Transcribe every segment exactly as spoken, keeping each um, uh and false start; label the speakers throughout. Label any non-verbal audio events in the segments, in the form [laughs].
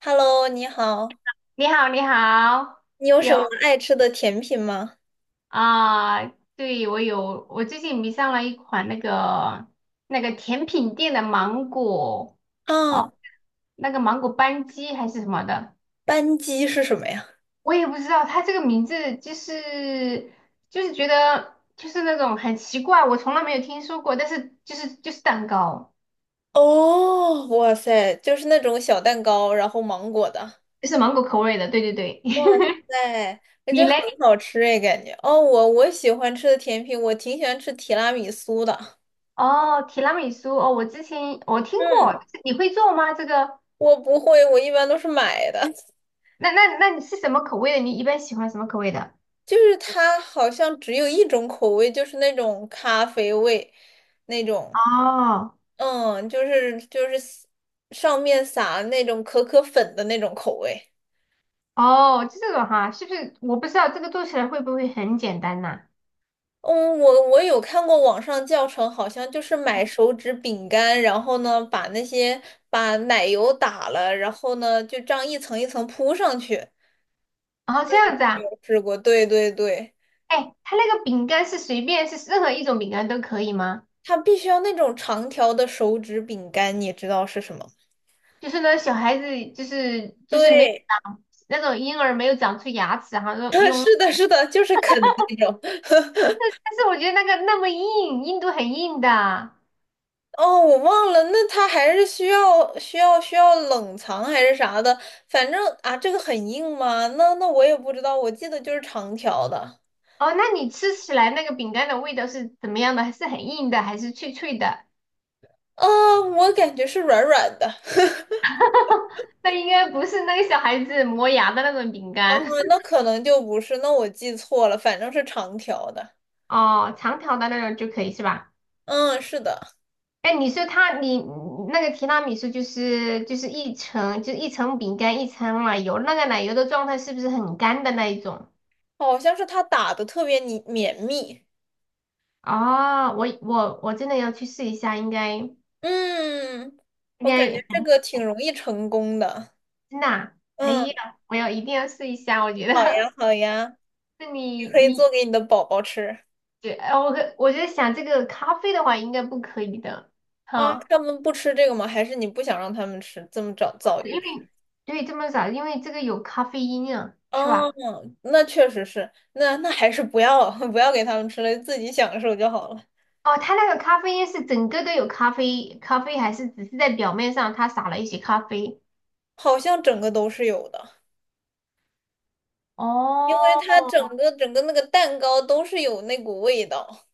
Speaker 1: Hello，你好，
Speaker 2: 你好，你好，
Speaker 1: 你有什
Speaker 2: 有
Speaker 1: 么爱吃的甜品吗？
Speaker 2: 啊，对，我有，我最近迷上了一款那个那个甜品店的芒果啊，
Speaker 1: 啊，
Speaker 2: 那个芒果班戟还是什么的，
Speaker 1: 班戟是什么呀？
Speaker 2: 我也不知道它这个名字就是就是觉得就是那种很奇怪，我从来没有听说过，但是就是就是蛋糕，
Speaker 1: 哦，哇塞，就是那种小蛋糕，然后芒果的。
Speaker 2: 就是芒果口味的，对对对，
Speaker 1: 哇塞，
Speaker 2: [laughs]
Speaker 1: 那
Speaker 2: 你
Speaker 1: 就很
Speaker 2: 嘞？
Speaker 1: 好吃哎，感觉。哦，我我喜欢吃的甜品，我挺喜欢吃提拉米苏的。
Speaker 2: 哦，提拉米苏哦，我之前我听
Speaker 1: 嗯，
Speaker 2: 过，你会做吗？这个？
Speaker 1: 我不会，我一般都是买的。[laughs]
Speaker 2: 那那那你是什么口味的？你一般喜欢什么口味的？
Speaker 1: 就是它好像只有一种口味，就是那种咖啡味，那种。
Speaker 2: 哦
Speaker 1: 嗯，就是就是上面撒那种可可粉的那种口味。
Speaker 2: 哦，就这种哈，是不是？我不知道这个做起来会不会很简单呐、
Speaker 1: 嗯，我我有看过网上教程，好像就是买手指饼干，然后呢把那些把奶油打了，然后呢就这样一层一层铺上去。
Speaker 2: 哦，这样子啊，
Speaker 1: 有试过，对对对，
Speaker 2: 哎，它那个饼干是随便是任何一种饼干都可以吗？
Speaker 1: 它必须要那种长条的手指饼干，你知道是什么？
Speaker 2: 就是呢，小孩子就是就是没有
Speaker 1: 对，
Speaker 2: 长那种婴儿没有长出牙齿，哈，用
Speaker 1: [laughs]
Speaker 2: 用，
Speaker 1: 是的，是的，就是啃的那种。
Speaker 2: 但是我觉得那个那么硬，硬度很硬的。
Speaker 1: 哦，我忘了，那它还是需要需要需要冷藏还是啥的，反正啊，这个很硬吗？那那我也不知道，我记得就是长条的，
Speaker 2: 哦，那你吃起来那个饼干的味道是怎么样的？是很硬的还是脆脆的？
Speaker 1: 啊，我感觉是软软的，[laughs]
Speaker 2: [laughs] 那应该不是那个小孩子磨牙的那种饼
Speaker 1: 嗯，
Speaker 2: 干。
Speaker 1: 那
Speaker 2: [laughs]
Speaker 1: 可能就不是，那我记错了，反正是长条的，
Speaker 2: 哦，长条的那种就可以是吧？
Speaker 1: 嗯，是的，
Speaker 2: 哎，你说它，你那个提拉米苏就是就是一层，就一层饼干，一层奶油，那个奶油的状态是不是很干的那一种？
Speaker 1: 好像是它打的特别你绵密，
Speaker 2: 哦，我我我真的要去试一下，应该应
Speaker 1: 嗯，我感觉这
Speaker 2: 该
Speaker 1: 个挺容易成功的，
Speaker 2: 真的啊哎
Speaker 1: 嗯，
Speaker 2: 呀，我要一定要试一下，我觉
Speaker 1: 好
Speaker 2: 得。
Speaker 1: 呀好呀，
Speaker 2: [laughs] 那
Speaker 1: 你
Speaker 2: 你
Speaker 1: 可以做
Speaker 2: 你，
Speaker 1: 给你的宝宝吃。
Speaker 2: 对，呃我可我觉得想这个咖啡的话，应该不可以的，
Speaker 1: 啊，
Speaker 2: 哈。
Speaker 1: 他们不吃这个吗？还是你不想让他们吃，这么早早就
Speaker 2: 因
Speaker 1: 吃？
Speaker 2: 为对这么早，因为这个有咖啡因啊，是
Speaker 1: 哦，
Speaker 2: 吧？
Speaker 1: 那确实是，那那还是不要 [laughs] 不要给他们吃了，自己享受就好了。
Speaker 2: 哦，它那个咖啡因是整个都有咖啡，咖啡还是只是在表面上它撒了一些咖啡？
Speaker 1: 好像整个都是有的，因为它
Speaker 2: 哦，
Speaker 1: 整个整个那个蛋糕都是有那股味道。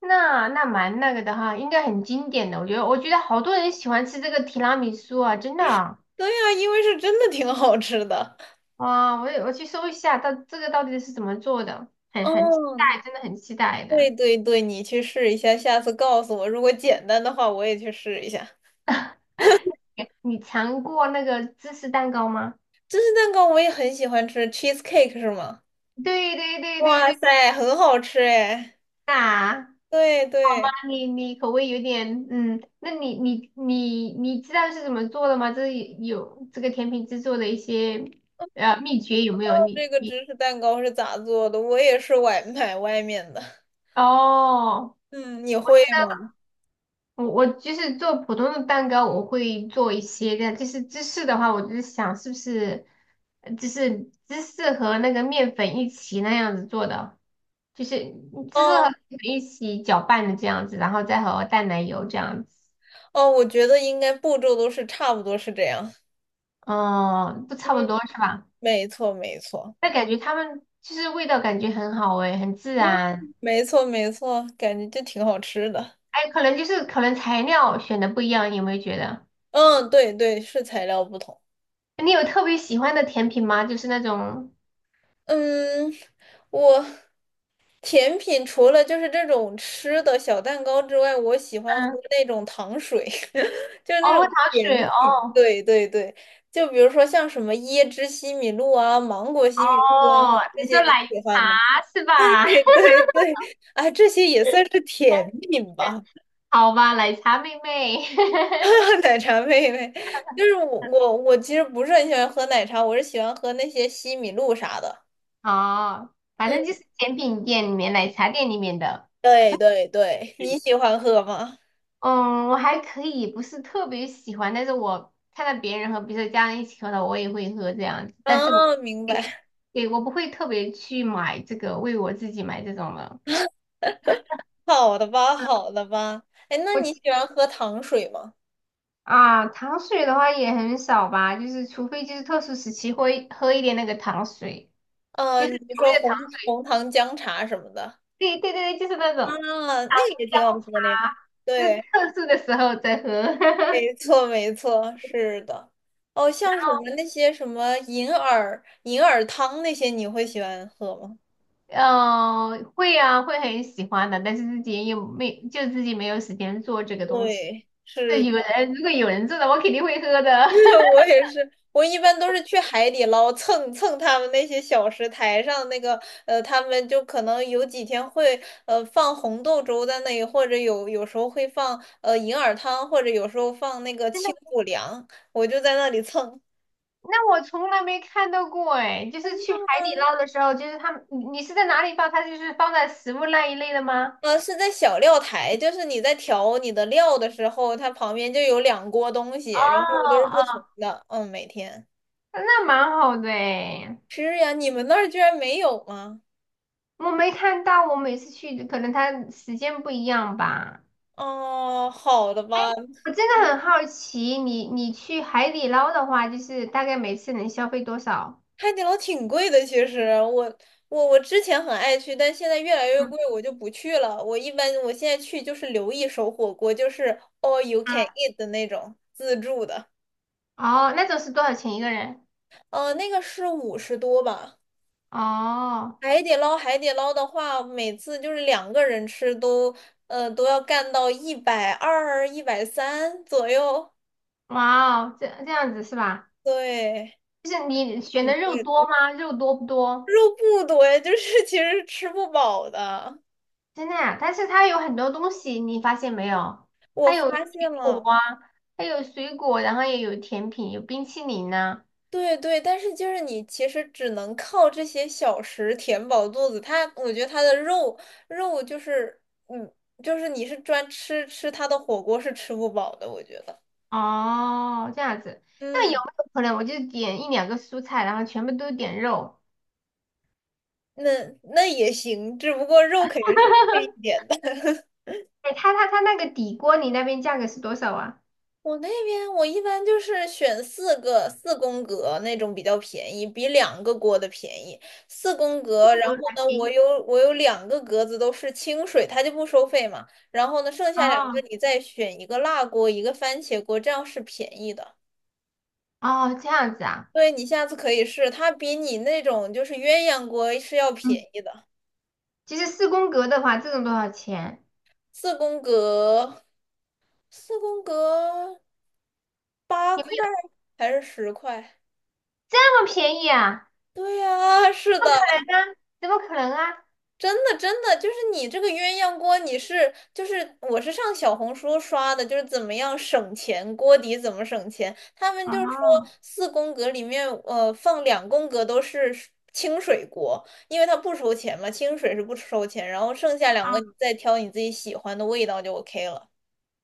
Speaker 2: 那那蛮那个的哈，应该很经典的，我觉得，我觉得好多人喜欢吃这个提拉米苏啊，真的啊，
Speaker 1: 对呀，因为是真的挺好吃的。
Speaker 2: 哇，我也我去搜一下，到这个到底是怎么做的，很很期
Speaker 1: 哦，
Speaker 2: 待，真的很期待的。
Speaker 1: 对对对，你去试一下，下次告诉我，如果简单的话，我也去试一下。
Speaker 2: 你尝过那个芝士蛋糕吗？
Speaker 1: 芝士蛋糕我也很喜欢吃，cheesecake 是吗？
Speaker 2: 对对对对
Speaker 1: 哇
Speaker 2: 对，
Speaker 1: 塞，很好吃哎。
Speaker 2: 啊。
Speaker 1: 对对。
Speaker 2: 你你口味有点，嗯，那你你你你知道是怎么做的吗？这有这个甜品制作的一些呃秘诀有没有？你
Speaker 1: 这个
Speaker 2: 你
Speaker 1: 芝士蛋糕是咋做的？我也是外买外面的。
Speaker 2: 哦，
Speaker 1: 嗯，你
Speaker 2: 我
Speaker 1: 会
Speaker 2: 觉得
Speaker 1: 吗？
Speaker 2: 我我就是做普通的蛋糕，我会做一些的，就是芝士的话，我就是想是不是呃就是芝士和那个面粉一起那样子做的，就是芝士和
Speaker 1: 哦
Speaker 2: 面粉一起搅拌的这样子，然后再和淡奶油这样子，
Speaker 1: 哦，我觉得应该步骤都是差不多是这样。
Speaker 2: 哦，不
Speaker 1: 嗯，
Speaker 2: 差不多是吧？
Speaker 1: 没错没错，
Speaker 2: 但感觉他们就是味道感觉很好诶，很自
Speaker 1: 嗯，
Speaker 2: 然。
Speaker 1: 没错没错，感觉就挺好吃的。
Speaker 2: 哎，可能就是可能材料选的不一样，有没有觉得？
Speaker 1: 嗯，对对，是材料不同。
Speaker 2: 你有特别喜欢的甜品吗？就是那种，
Speaker 1: 嗯，我甜品除了就是这种吃的小蛋糕之外，我喜欢喝
Speaker 2: 嗯，
Speaker 1: 那种糖水，[laughs] 就是那
Speaker 2: 哦，喝
Speaker 1: 种
Speaker 2: 糖水，
Speaker 1: 甜
Speaker 2: 哦，
Speaker 1: 品。对对对，就比如说像什么椰汁西米露啊、芒果西米露啊，
Speaker 2: 哦，
Speaker 1: 这
Speaker 2: 你
Speaker 1: 些
Speaker 2: 说
Speaker 1: 你
Speaker 2: 奶
Speaker 1: 喜欢吗？[laughs]
Speaker 2: 茶是吧？
Speaker 1: 对对对，啊，这些也算是甜品吧。
Speaker 2: [laughs] 好吧，奶茶妹妹，
Speaker 1: [laughs] 奶茶妹妹，就是我我我其实不是很喜欢喝奶茶，我是喜欢喝那些西米露啥的。
Speaker 2: [laughs] 哦，反
Speaker 1: 嗯，
Speaker 2: 正就是甜品店里面、奶茶店里面的。
Speaker 1: 对对对，你喜欢喝吗？
Speaker 2: 嗯，我还可以，不是特别喜欢，但是我看到别人和比如说家人一起喝的，我也会喝这样子。但是我，
Speaker 1: 啊，明白。
Speaker 2: 对，
Speaker 1: [laughs]
Speaker 2: 对我不会特别去买这个，为我自己买这种的。
Speaker 1: 好的吧，好的吧。哎，那
Speaker 2: 我
Speaker 1: 你喜欢喝糖水吗？
Speaker 2: 啊，糖水的话也很少吧，就是除非就是特殊时期会喝一点那个糖水，
Speaker 1: 啊，
Speaker 2: 就
Speaker 1: 你
Speaker 2: 是所谓
Speaker 1: 说
Speaker 2: 的糖
Speaker 1: 红
Speaker 2: 水。
Speaker 1: 红糖姜茶什么的
Speaker 2: 对对对，对，就是那种
Speaker 1: 啊，那个
Speaker 2: 糖
Speaker 1: 也挺好
Speaker 2: 浆
Speaker 1: 喝的呀。
Speaker 2: 茶，就是
Speaker 1: 对，
Speaker 2: 特殊的时候再喝。[laughs]
Speaker 1: 没错，没错，是的。哦，像什么那些什么银耳银耳汤那些，你会喜欢喝吗？
Speaker 2: 嗯、呃会啊，会很喜欢的，但是自己也没，就自己没有时间做这个东西。
Speaker 1: 对，
Speaker 2: 这有
Speaker 1: 是。
Speaker 2: 人，如果有人做的，我肯定会喝的。
Speaker 1: [laughs] 我也是，我一般都是去海底捞蹭蹭他们那些小食台上那个，呃，他们就可能有几天会呃放红豆粥在那里，或者有有时候会放呃银耳汤，或者有时候放那个清
Speaker 2: [laughs]
Speaker 1: 补凉，我就在那里蹭。
Speaker 2: 那我从来没看到过哎，就是去海底捞的时候，就是他们，你你是在哪里放？它就是放在食物那一类的吗？
Speaker 1: 呃，是在小料台，就是你在调你的料的时候，它旁边就有两锅东西，
Speaker 2: 哦
Speaker 1: 然后都是不同
Speaker 2: 哦，
Speaker 1: 的，嗯，每天
Speaker 2: 那蛮好的哎，
Speaker 1: 是呀。你们那儿居然没有吗？
Speaker 2: 我没看到，我每次去可能它时间不一样吧。
Speaker 1: 哦，好的吧，
Speaker 2: 我真的很好奇，你你去海底捞的话，就是大概每次能消费多少？
Speaker 1: 海底捞挺贵的，其实我我我之前很爱去，但现在越来越贵，
Speaker 2: 嗯
Speaker 1: 我就不去了。我一般我现在去就是留一手火锅，就是 all you can
Speaker 2: 嗯
Speaker 1: eat 的那种自助的，
Speaker 2: 哦，那种是多少钱一个人？
Speaker 1: 呃，那个是五十多吧。
Speaker 2: 哦，
Speaker 1: 海底捞海底捞的话，每次就是两个人吃都呃都要干到一百二、一百三左右，
Speaker 2: 哇哦，这这样子是吧？
Speaker 1: 对，
Speaker 2: 就是你选
Speaker 1: 挺
Speaker 2: 的肉
Speaker 1: 贵的。
Speaker 2: 多吗？肉多不多？
Speaker 1: 肉不多呀，就是 [laughs] 其实吃不饱的。
Speaker 2: 真的呀，但是它有很多东西，你发现没有？
Speaker 1: 我
Speaker 2: 它有水
Speaker 1: 发现
Speaker 2: 果
Speaker 1: 了。
Speaker 2: 啊，它有水果，然后也有甜品，有冰淇淋呢、
Speaker 1: 对对，但是就是你其实只能靠这些小食填饱肚子。它，我觉得它的肉肉就是，嗯，就是你是专吃吃它的火锅是吃不饱的，我觉得。
Speaker 2: 哦，这样子，那有
Speaker 1: 嗯，
Speaker 2: 没有可能我就点一两个蔬菜，然后全部都点肉？
Speaker 1: 那那也行，只不过肉
Speaker 2: [laughs]
Speaker 1: 肯定是
Speaker 2: 哈
Speaker 1: 贵一
Speaker 2: 哈，
Speaker 1: 点的。
Speaker 2: 哎，它它它那个底锅，你那边价格是多少啊？
Speaker 1: 我那边我一般就是选四个四宫格那种比较便宜，比两个锅的便宜。四宫
Speaker 2: 不
Speaker 1: 格，然
Speaker 2: 合
Speaker 1: 后
Speaker 2: 还
Speaker 1: 呢，
Speaker 2: 便
Speaker 1: 我
Speaker 2: 宜。
Speaker 1: 有我有两个格子都是清水，它就不收费嘛。然后呢，剩下两个
Speaker 2: 哦
Speaker 1: 你再选一个辣锅，一个番茄锅，这样是便宜的。
Speaker 2: 哦，这样子啊。
Speaker 1: 对，你下次可以试，它比你那种就是鸳鸯锅是要
Speaker 2: 嗯。
Speaker 1: 便宜的。
Speaker 2: 其实四宫格的话，这种多少钱？
Speaker 1: 四宫格，四宫格八
Speaker 2: 有
Speaker 1: 块
Speaker 2: 没有
Speaker 1: 还是十块？
Speaker 2: 这么便宜啊？
Speaker 1: 对呀，是
Speaker 2: 不
Speaker 1: 的，
Speaker 2: 可能啊！怎么可能啊？
Speaker 1: 真的，真的，就是你这个鸳鸯锅，你是就是我是上小红书刷的，就是怎么样省钱，锅底怎么省钱。他们就是说
Speaker 2: 哦
Speaker 1: 四宫格里面，呃，放两宫格都是水清水锅，因为它不收钱嘛，清水是不收钱，然后剩下两个
Speaker 2: 啊
Speaker 1: 你再挑你自己喜欢的味道就 OK 了。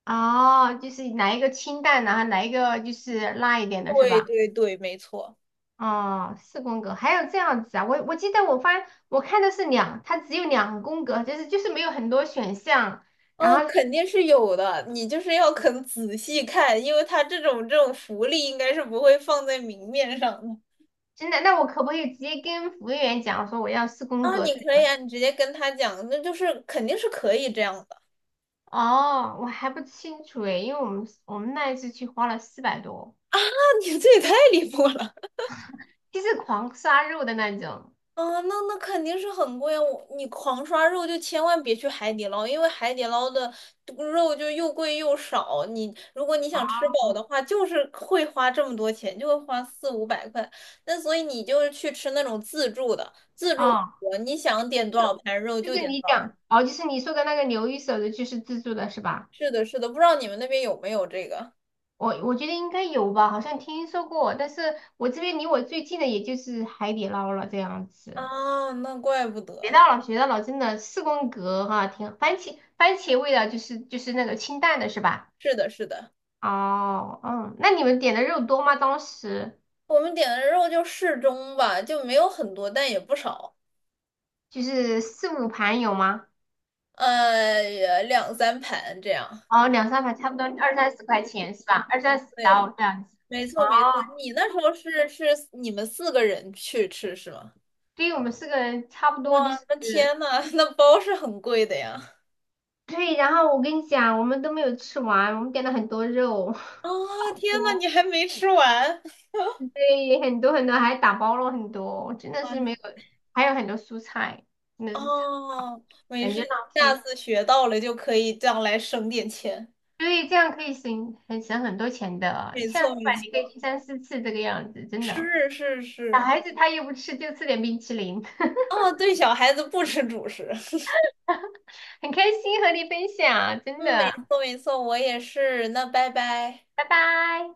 Speaker 2: 哦，就是来一个清淡的，然后来一个就是辣一点的，是
Speaker 1: 对
Speaker 2: 吧？
Speaker 1: 对对，没错。
Speaker 2: 哦，四宫格还有这样子啊？我我记得我发我看的是两，它只有两宫格，就是就是没有很多选项。然
Speaker 1: 哦，
Speaker 2: 后
Speaker 1: 肯定是有的，你就是要肯仔细看，因为它这种这种福利应该是不会放在明面上的。
Speaker 2: 真的，那我可不可以直接跟服务员讲说我要四宫
Speaker 1: 啊，
Speaker 2: 格
Speaker 1: 你
Speaker 2: 这
Speaker 1: 可以
Speaker 2: 样？
Speaker 1: 啊，你直接跟他讲，那就是肯定是可以这样的。[laughs]
Speaker 2: 哦，我还不清楚诶，因为我们我们那一次去花了四百多。
Speaker 1: 啊，你这也太离谱了。
Speaker 2: 就是狂杀肉的那种。
Speaker 1: [laughs] 啊，那那肯定是很贵啊！我你狂刷肉就千万别去海底捞，因为海底捞的肉就又贵又少。你如果你想吃饱的话，就是会花这么多钱，就会花四五百块。那所以你就是去吃那种自助的自助火
Speaker 2: 哦，
Speaker 1: 锅，你想点多少盘肉
Speaker 2: 就
Speaker 1: 就
Speaker 2: 是
Speaker 1: 点多
Speaker 2: 你
Speaker 1: 少盘。
Speaker 2: 讲哦，就是你说的那个牛一手的，就是自助的是吧？
Speaker 1: 是的，是的，不知道你们那边有没有这个
Speaker 2: 我我觉得应该有吧，好像听说过，但是我这边离我最近的也就是海底捞了这样子。
Speaker 1: 啊？那怪不
Speaker 2: 学
Speaker 1: 得。
Speaker 2: 到了，学到了，真的四宫格哈、挺番茄番茄味的，就是就是那个清淡的是吧？
Speaker 1: 是的，是的。
Speaker 2: 哦，嗯，那你们点的肉多吗？当时
Speaker 1: 我们点的肉就适中吧，就没有很多，但也不少，
Speaker 2: 就是四五盘有吗？
Speaker 1: 呃，呀，两三盘这样。
Speaker 2: 哦，两三盘差不多二三十块钱是吧？二三十
Speaker 1: 对，
Speaker 2: 刀这样子。
Speaker 1: 没
Speaker 2: 哦，
Speaker 1: 错没错。你那时候是是你们四个人去吃是吗？
Speaker 2: 对于我们四个人差不多就是，
Speaker 1: 那天呐，[laughs] 那包是很贵的呀。
Speaker 2: 对。然后我跟你讲，我们都没有吃完，我们点了很多肉，
Speaker 1: 啊、
Speaker 2: [laughs]
Speaker 1: 天呐，你
Speaker 2: 多，
Speaker 1: 还没吃完
Speaker 2: 对，很多很多，还打包了很多，真的是没有，
Speaker 1: 啊。
Speaker 2: 还有很多蔬菜，真的是
Speaker 1: 哦，没
Speaker 2: 感
Speaker 1: 事，
Speaker 2: 觉浪
Speaker 1: 下
Speaker 2: 费。
Speaker 1: 次学到了就可以将来省点钱。
Speaker 2: 对，这样可以省很省很多钱的，你
Speaker 1: 没
Speaker 2: 下次
Speaker 1: 错，没
Speaker 2: 吧，你可以
Speaker 1: 错，
Speaker 2: 去三四次这个样子，真的。
Speaker 1: 是是
Speaker 2: 小
Speaker 1: 是。
Speaker 2: 孩子他又不吃，就吃点冰淇淋，[laughs]
Speaker 1: 哦，对，小孩子不吃主食。[laughs]
Speaker 2: 很开心和你分享，真
Speaker 1: 嗯，没
Speaker 2: 的，
Speaker 1: 错没错，我也是。那拜拜。
Speaker 2: 拜拜。